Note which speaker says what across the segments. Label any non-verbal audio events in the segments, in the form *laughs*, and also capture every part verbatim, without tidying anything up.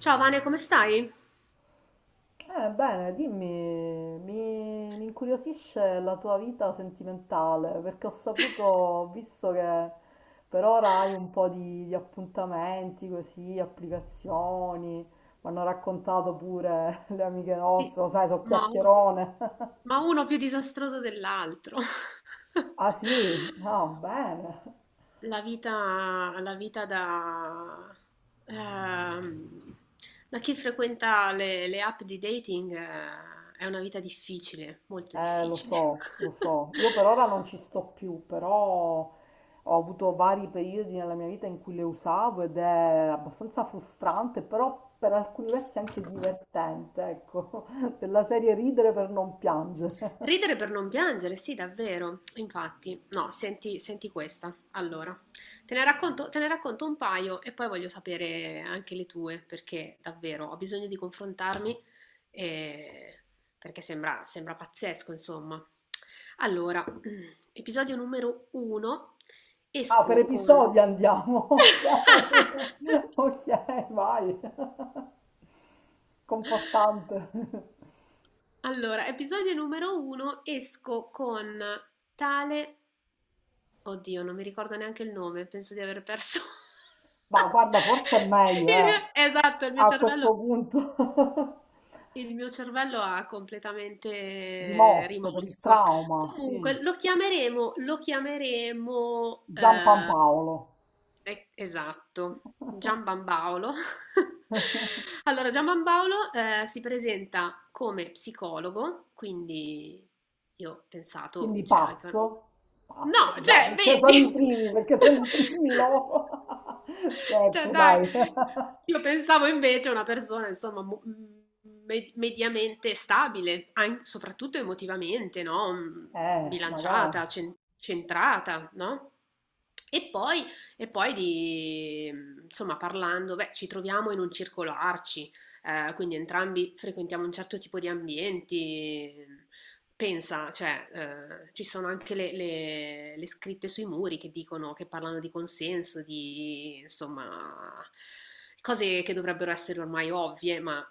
Speaker 1: Ciao Vane, come stai?
Speaker 2: Eh, bene, dimmi, mi, mi incuriosisce la tua vita sentimentale, perché ho saputo, ho visto che per ora hai un po' di, di appuntamenti così, applicazioni, mi hanno raccontato pure *laughs* le amiche
Speaker 1: Sì,
Speaker 2: nostre, lo sai, so
Speaker 1: Ma,
Speaker 2: chiacchierone. *laughs*
Speaker 1: ma uno più disastroso dell'altro.
Speaker 2: Ah
Speaker 1: *laughs*
Speaker 2: sì? Ah, bene.
Speaker 1: La vita, la vita da, ehm, da chi frequenta le, le app di dating, eh, è una vita difficile, molto
Speaker 2: Eh, lo
Speaker 1: difficile.
Speaker 2: so, lo so. Io
Speaker 1: *laughs*
Speaker 2: per ora non ci sto più, però ho avuto vari periodi nella mia vita in cui le usavo ed è abbastanza frustrante, però per alcuni versi anche divertente, ecco, *laughs* della serie ridere per non piangere. *laughs*
Speaker 1: Ridere per non piangere, sì, davvero. Infatti, no, senti, senti questa. Allora, te ne racconto, te ne racconto un paio e poi voglio sapere anche le tue, perché davvero ho bisogno di confrontarmi, eh, perché sembra, sembra pazzesco, insomma. Allora, *clears throat* episodio numero uno,
Speaker 2: Ah, per
Speaker 1: esco con...
Speaker 2: episodi andiamo.
Speaker 1: *laughs*
Speaker 2: *laughs* Ok, vai. Confortante. *laughs*
Speaker 1: Allora, episodio numero uno, esco con tale. Oddio, non mi ricordo neanche il nome, penso di aver perso
Speaker 2: Ma guarda, forse è meglio,
Speaker 1: *laughs* il mio
Speaker 2: eh,
Speaker 1: esatto, il mio
Speaker 2: a
Speaker 1: cervello.
Speaker 2: questo punto.
Speaker 1: Il mio cervello ha
Speaker 2: *laughs*
Speaker 1: completamente
Speaker 2: Rimosso per il
Speaker 1: rimosso.
Speaker 2: trauma, sì.
Speaker 1: Comunque lo chiameremo lo chiameremo, ehm,
Speaker 2: Giampaolo.
Speaker 1: e- esatto, Gianbambaolo. *laughs*
Speaker 2: *laughs*
Speaker 1: Allora, Gianbambaolo, eh, si presenta come psicologo, quindi io ho pensato,
Speaker 2: Quindi
Speaker 1: cioè anche...
Speaker 2: pazzo,
Speaker 1: No,
Speaker 2: pazzo, già,
Speaker 1: cioè,
Speaker 2: perché
Speaker 1: vedi?
Speaker 2: sono i primi, perché sono i primi
Speaker 1: *laughs*
Speaker 2: loro. *laughs*
Speaker 1: Cioè
Speaker 2: Scherzo,
Speaker 1: dai,
Speaker 2: dai. *laughs*
Speaker 1: io pensavo invece a una persona insomma mo- m- me- mediamente stabile, an- soprattutto emotivamente, no? M-
Speaker 2: Eh, magari.
Speaker 1: Bilanciata, cen- centrata, no? E poi, e poi di, insomma, parlando, beh, ci troviamo in un circolo A R C I, eh, quindi entrambi frequentiamo un certo tipo di ambienti. Pensa, cioè, eh, ci sono anche le, le- le scritte sui muri che dicono, che parlano di consenso, di insomma, cose che dovrebbero essere ormai ovvie, ma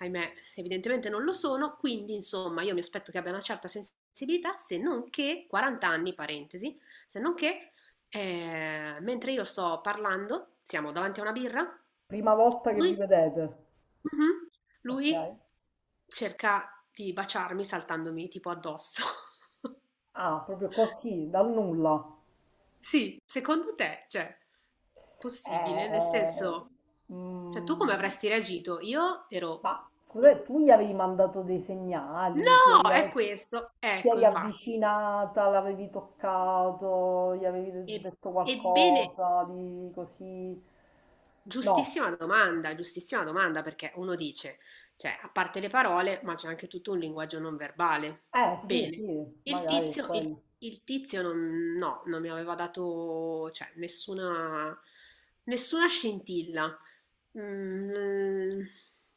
Speaker 1: ahimè, evidentemente non lo sono. Quindi, insomma, io mi aspetto che abbia una certa sensibilità, se non che quarant'anni anni, parentesi, se non che, eh, mentre io sto parlando, siamo davanti a una birra.
Speaker 2: Prima volta che vi
Speaker 1: Lui...
Speaker 2: vedete,
Speaker 1: Mh-mh.
Speaker 2: ok?
Speaker 1: Lui cerca di baciarmi saltandomi tipo addosso. *laughs*
Speaker 2: Ah, proprio così, dal nulla.
Speaker 1: Sì, secondo te, cioè,
Speaker 2: Eh,
Speaker 1: possibile? Nel
Speaker 2: eh,
Speaker 1: senso, cioè, tu come
Speaker 2: mm,
Speaker 1: avresti reagito? Io ero
Speaker 2: ma
Speaker 1: in
Speaker 2: scusate, tu gli avevi mandato dei segnali, ti
Speaker 1: "No,
Speaker 2: eri,
Speaker 1: è
Speaker 2: av-
Speaker 1: questo!".
Speaker 2: ti
Speaker 1: Ecco,
Speaker 2: eri
Speaker 1: infatti.
Speaker 2: avvicinata, l'avevi toccato, gli avevi
Speaker 1: E
Speaker 2: de- detto
Speaker 1: ebbene,
Speaker 2: qualcosa di così. No,
Speaker 1: giustissima domanda, giustissima domanda, perché uno dice, cioè, a parte le parole, ma c'è anche tutto un linguaggio non verbale.
Speaker 2: eh sì,
Speaker 1: Bene,
Speaker 2: sì,
Speaker 1: il
Speaker 2: magari è
Speaker 1: tizio, il,
Speaker 2: quello.
Speaker 1: il tizio non, no, non mi aveva dato, cioè, nessuna, nessuna scintilla. Mm,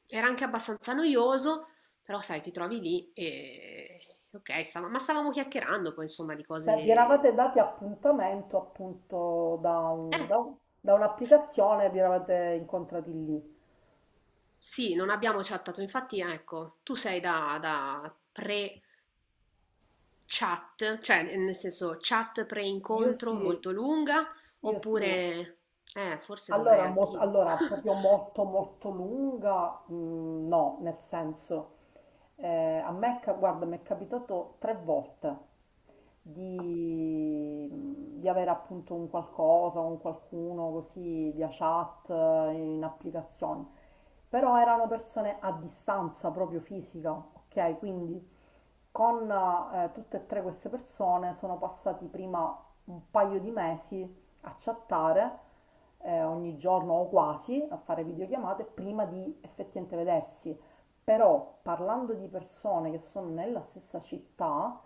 Speaker 1: era anche abbastanza noioso, però sai, ti trovi lì e... Ok, stava- ma stavamo chiacchierando poi, insomma, di
Speaker 2: Cioè, vi
Speaker 1: cose...
Speaker 2: eravate dati appuntamento appunto da
Speaker 1: Eh?
Speaker 2: un- da un- da un'applicazione, vi eravate incontrati lì.
Speaker 1: Sì, non abbiamo chattato, infatti ecco, tu sei da, da pre-chat, cioè nel senso chat
Speaker 2: Io
Speaker 1: pre-incontro
Speaker 2: sì,
Speaker 1: molto lunga,
Speaker 2: io sì.
Speaker 1: oppure... Eh, forse dovrei
Speaker 2: Allora, mol-
Speaker 1: anch'io.
Speaker 2: allora,
Speaker 1: *laughs*
Speaker 2: proprio molto molto lunga, mm, no, nel senso. Eh, a me, ca- guarda, mi è capitato tre volte di, di avere appunto un qualcosa, un qualcuno così via chat, eh, in applicazioni, però erano persone a distanza proprio fisica, ok? Quindi con eh, tutte e tre queste persone sono passati prima un paio di mesi a chattare eh, ogni giorno o quasi, a fare videochiamate prima di effettivamente vedersi. Però parlando di persone che sono nella stessa città,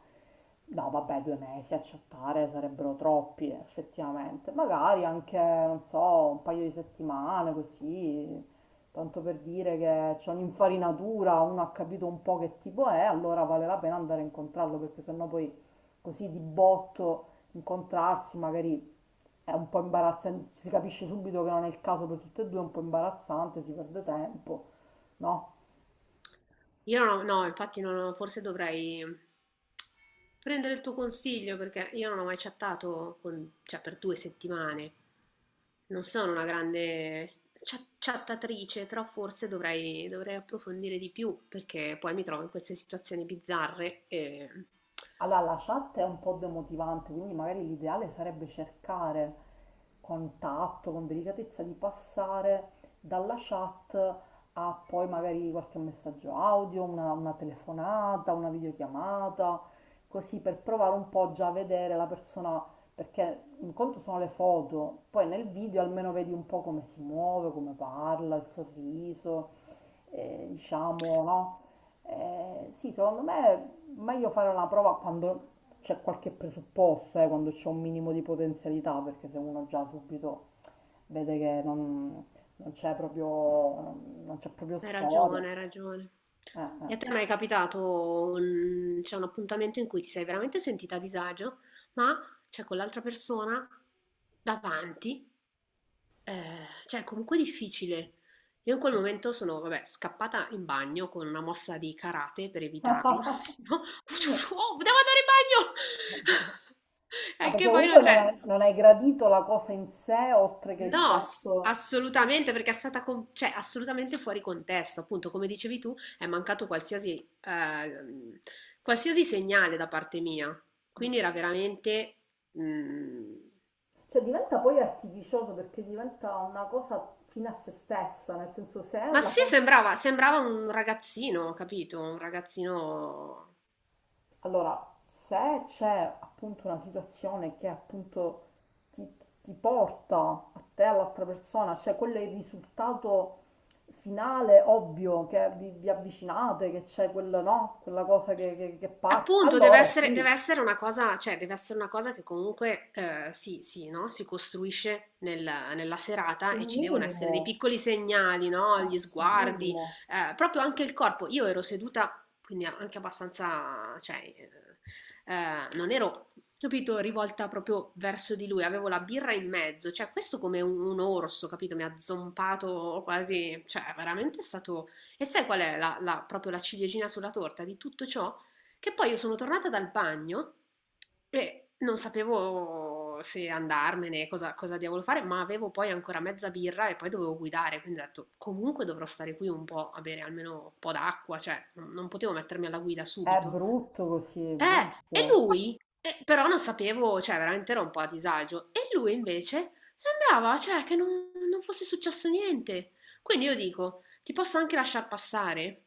Speaker 2: no vabbè, due mesi a chattare sarebbero troppi effettivamente, magari anche, non so, un paio di settimane così, tanto per dire che c'è un'infarinatura, uno ha capito un po' che tipo è, allora vale la pena andare a incontrarlo, perché sennò poi così di botto incontrarsi magari è un po' imbarazzante, si capisce subito che non è il caso per tutte e due, è un po' imbarazzante, si perde tempo, no?
Speaker 1: Io no, no, infatti non- ho- forse dovrei prendere il tuo consiglio perché io non ho mai chattato con- cioè, per due settimane. Non sono una grande chat- chattatrice, però forse dovrei, dovrei approfondire di più perché poi mi trovo in queste situazioni bizzarre e
Speaker 2: Allora, la chat è un po' demotivante, quindi magari l'ideale sarebbe cercare con tatto, con delicatezza, di passare dalla chat a poi magari qualche messaggio audio, una, una telefonata, una videochiamata, così per provare un po' già a vedere la persona, perché un conto sono le foto, poi nel video almeno vedi un po' come si muove, come parla, il sorriso, eh, diciamo, no? Eh, sì, secondo me, ma io farò una prova quando c'è qualche presupposto, eh, quando c'è un minimo di potenzialità, perché se uno già subito vede che non, non c'è proprio, non c'è proprio,
Speaker 1: hai
Speaker 2: storia.
Speaker 1: ragione, hai ragione.
Speaker 2: Eh,
Speaker 1: E a
Speaker 2: eh.
Speaker 1: te mai è capitato un, cioè, un appuntamento in cui ti sei veramente sentita a disagio, ma c'è con l'altra persona davanti? Eh, cioè, comunque difficile. Io in quel momento sono, vabbè, scappata in bagno con una mossa di karate per evitarlo. *laughs* No?
Speaker 2: *laughs*
Speaker 1: Oh, devo andare in bagno! *laughs*
Speaker 2: Ma
Speaker 1: E
Speaker 2: perché
Speaker 1: che poi non
Speaker 2: comunque non,
Speaker 1: c'è.
Speaker 2: ha- non hai gradito la cosa in sé, oltre che il
Speaker 1: No, ass-
Speaker 2: fatto...
Speaker 1: assolutamente, perché è stata con- cioè, assolutamente fuori contesto. Appunto, come dicevi tu, è mancato qualsiasi, eh, qualsiasi segnale da parte mia. Quindi era veramente... mm,
Speaker 2: Cioè diventa poi artificioso, perché diventa una cosa fine a se stessa, nel senso se è
Speaker 1: ma
Speaker 2: la.
Speaker 1: sì, sembrava, sembrava un ragazzino, capito? Un ragazzino.
Speaker 2: Allora, se c'è appunto una situazione che appunto ti, ti porta a te, all'altra persona, cioè quello è il risultato finale, ovvio, che vi, vi avvicinate, che c'è quella, no? Quella cosa che, che- che parte,
Speaker 1: Appunto, deve
Speaker 2: allora
Speaker 1: essere
Speaker 2: sì,
Speaker 1: deve essere una cosa, cioè, deve essere una cosa che comunque, ehm, si si no, si costruisce nel nella serata,
Speaker 2: un
Speaker 1: e ci devono essere
Speaker 2: minimo,
Speaker 1: dei piccoli segnali, no,
Speaker 2: eh,
Speaker 1: gli
Speaker 2: un
Speaker 1: sguardi,
Speaker 2: minimo.
Speaker 1: ehm, proprio anche il corpo. Io ero seduta, quindi anche abbastanza, cioè, ehm, ehm, non ero, capito, rivolta proprio verso di lui, avevo la birra in mezzo, cioè questo come un un orso, capito, mi ha zompato quasi, cioè veramente è stato... E sai qual è la la proprio la ciliegina sulla torta di tutto ciò? Che poi io sono tornata dal bagno e non sapevo se andarmene, cosa, cosa diavolo fare, ma avevo poi ancora mezza birra e poi dovevo guidare, quindi ho detto comunque dovrò stare qui un po' a bere almeno un po' d'acqua, cioè non, non potevo mettermi alla guida
Speaker 2: È
Speaker 1: subito.
Speaker 2: brutto così, è
Speaker 1: Eh, e
Speaker 2: brutto.
Speaker 1: lui, eh, però non sapevo, cioè veramente ero un po' a disagio, e lui invece sembrava, cioè, che non, non fosse successo niente. Quindi io dico, ti posso anche lasciar passare?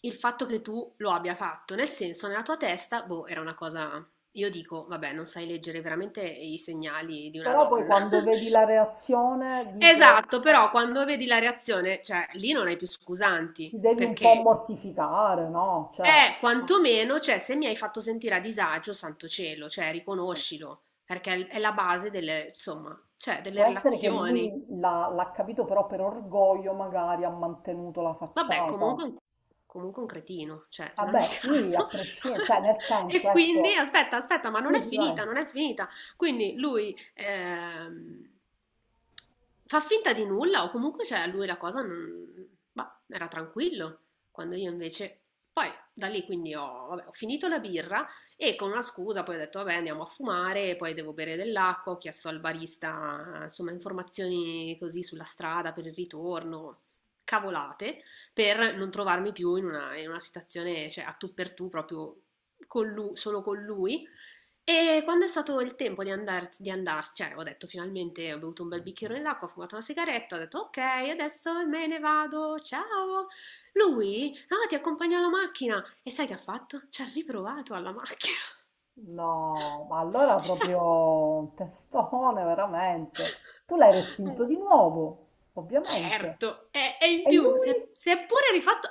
Speaker 1: Il fatto che tu lo abbia fatto, nel senso, nella tua testa, boh, era una cosa. Io dico, vabbè, non sai leggere veramente i segnali di una
Speaker 2: Però poi
Speaker 1: donna.
Speaker 2: quando vedi la
Speaker 1: *laughs*
Speaker 2: reazione dico,
Speaker 1: Esatto, però
Speaker 2: eh,
Speaker 1: quando vedi la reazione, cioè lì non hai più
Speaker 2: ti
Speaker 1: scusanti,
Speaker 2: devi un po'
Speaker 1: perché
Speaker 2: mortificare, no? Cioè...
Speaker 1: è quantomeno, cioè se mi hai fatto sentire a disagio, santo cielo, cioè riconoscilo, perché è è la base delle, insomma, cioè
Speaker 2: Può
Speaker 1: delle
Speaker 2: essere che
Speaker 1: relazioni.
Speaker 2: lui l'ha l'ha capito, però per orgoglio magari ha mantenuto la
Speaker 1: Vabbè,
Speaker 2: facciata.
Speaker 1: comunque un comunque un cretino, cioè in ogni
Speaker 2: Vabbè,
Speaker 1: *laughs*
Speaker 2: sì, a
Speaker 1: caso
Speaker 2: prescindere, cioè
Speaker 1: *laughs*
Speaker 2: nel senso,
Speaker 1: e quindi
Speaker 2: ecco.
Speaker 1: aspetta, aspetta, ma non
Speaker 2: Sì,
Speaker 1: è
Speaker 2: sì, vai.
Speaker 1: finita, non è finita. Quindi lui, ehm, fa finta di nulla o comunque, cioè a lui la cosa non... bah, era tranquillo, quando io invece... Poi da lì quindi ho, vabbè, ho finito la birra e con una scusa poi ho detto vabbè, andiamo a fumare, poi devo bere dell'acqua, ho chiesto al barista insomma informazioni così sulla strada per il ritorno, cavolate per non trovarmi più in una, in una situazione, cioè, a tu per tu proprio con lu- solo con lui. E quando è stato il tempo di, andar- di andarsene, cioè ho detto finalmente ho bevuto un bel bicchierone d'acqua, ho fumato una sigaretta, ho detto ok, adesso me ne vado, ciao. Lui, no, ti accompagno alla macchina. E sai che ha fatto? Ci ha riprovato alla macchina.
Speaker 2: No, ma allora proprio
Speaker 1: *laughs*
Speaker 2: un testone, veramente. Tu l'hai
Speaker 1: Cioè,
Speaker 2: respinto di nuovo, ovviamente.
Speaker 1: certo, e e in
Speaker 2: E
Speaker 1: più si è
Speaker 2: lui?
Speaker 1: si è pure rifatto,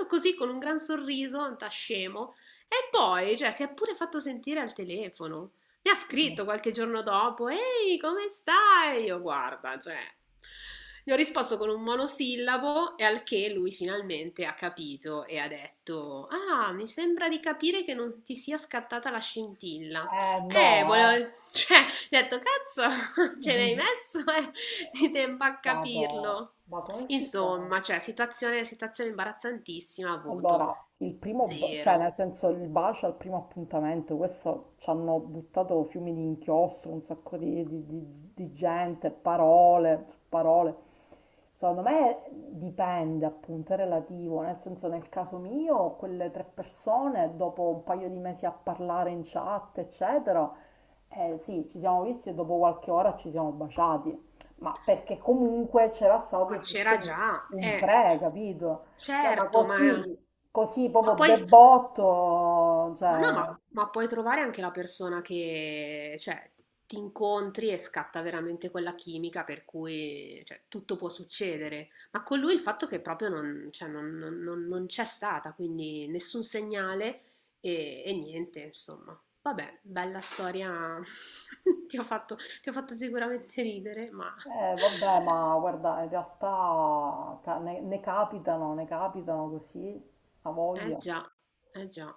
Speaker 1: ma così con un gran sorriso da scemo, e poi, cioè, si è pure fatto sentire al telefono. Mi ha scritto qualche giorno dopo: "Ehi, come stai?". Io guarda, cioè, gli ho risposto con un monosillabo e al che lui finalmente ha capito e ha detto: "Ah, mi sembra di capire che non ti sia scattata la scintilla".
Speaker 2: Eh
Speaker 1: Eh,
Speaker 2: no, eh.
Speaker 1: volevo, *laughs* cioè, gli ho detto, cazzo, *laughs* ce l'hai
Speaker 2: *laughs*
Speaker 1: messo, eh, *laughs* di tempo a
Speaker 2: Vado.
Speaker 1: capirlo.
Speaker 2: Ma come si fa?
Speaker 1: Insomma, cioè, situazione, situazione imbarazzantissima, voto
Speaker 2: Allora, il primo, b- cioè
Speaker 1: zero.
Speaker 2: nel senso il bacio al primo appuntamento, questo ci hanno buttato fiumi di inchiostro, un sacco di, di- di- di gente, parole, su parole. Secondo me dipende, appunto, è relativo, nel senso nel caso mio, quelle tre persone, dopo un paio di mesi a parlare in chat, eccetera, eh, sì, ci siamo visti e dopo qualche ora ci siamo baciati, ma perché comunque c'era
Speaker 1: Ma
Speaker 2: stato
Speaker 1: c'era
Speaker 2: tutto un
Speaker 1: già,
Speaker 2: un
Speaker 1: eh,
Speaker 2: pre, capito? Cioè, ma
Speaker 1: certo, ma,
Speaker 2: così, così
Speaker 1: ma
Speaker 2: proprio
Speaker 1: poi...
Speaker 2: debotto,
Speaker 1: Ma
Speaker 2: cioè,
Speaker 1: no, ma, ma puoi trovare anche la persona che, cioè, ti incontri e scatta veramente quella chimica per cui, cioè, tutto può succedere. Ma con lui il fatto che proprio non, cioè, non- non- non- non c'è stata, quindi nessun segnale e, e niente, insomma. Vabbè, bella storia. *laughs* Ti ho fatto, ti ho fatto sicuramente ridere, ma
Speaker 2: eh, vabbè, ma guarda, in realtà ca- ne, ne, capitano, ne capitano così, a
Speaker 1: eh
Speaker 2: voglia.
Speaker 1: già, eh già.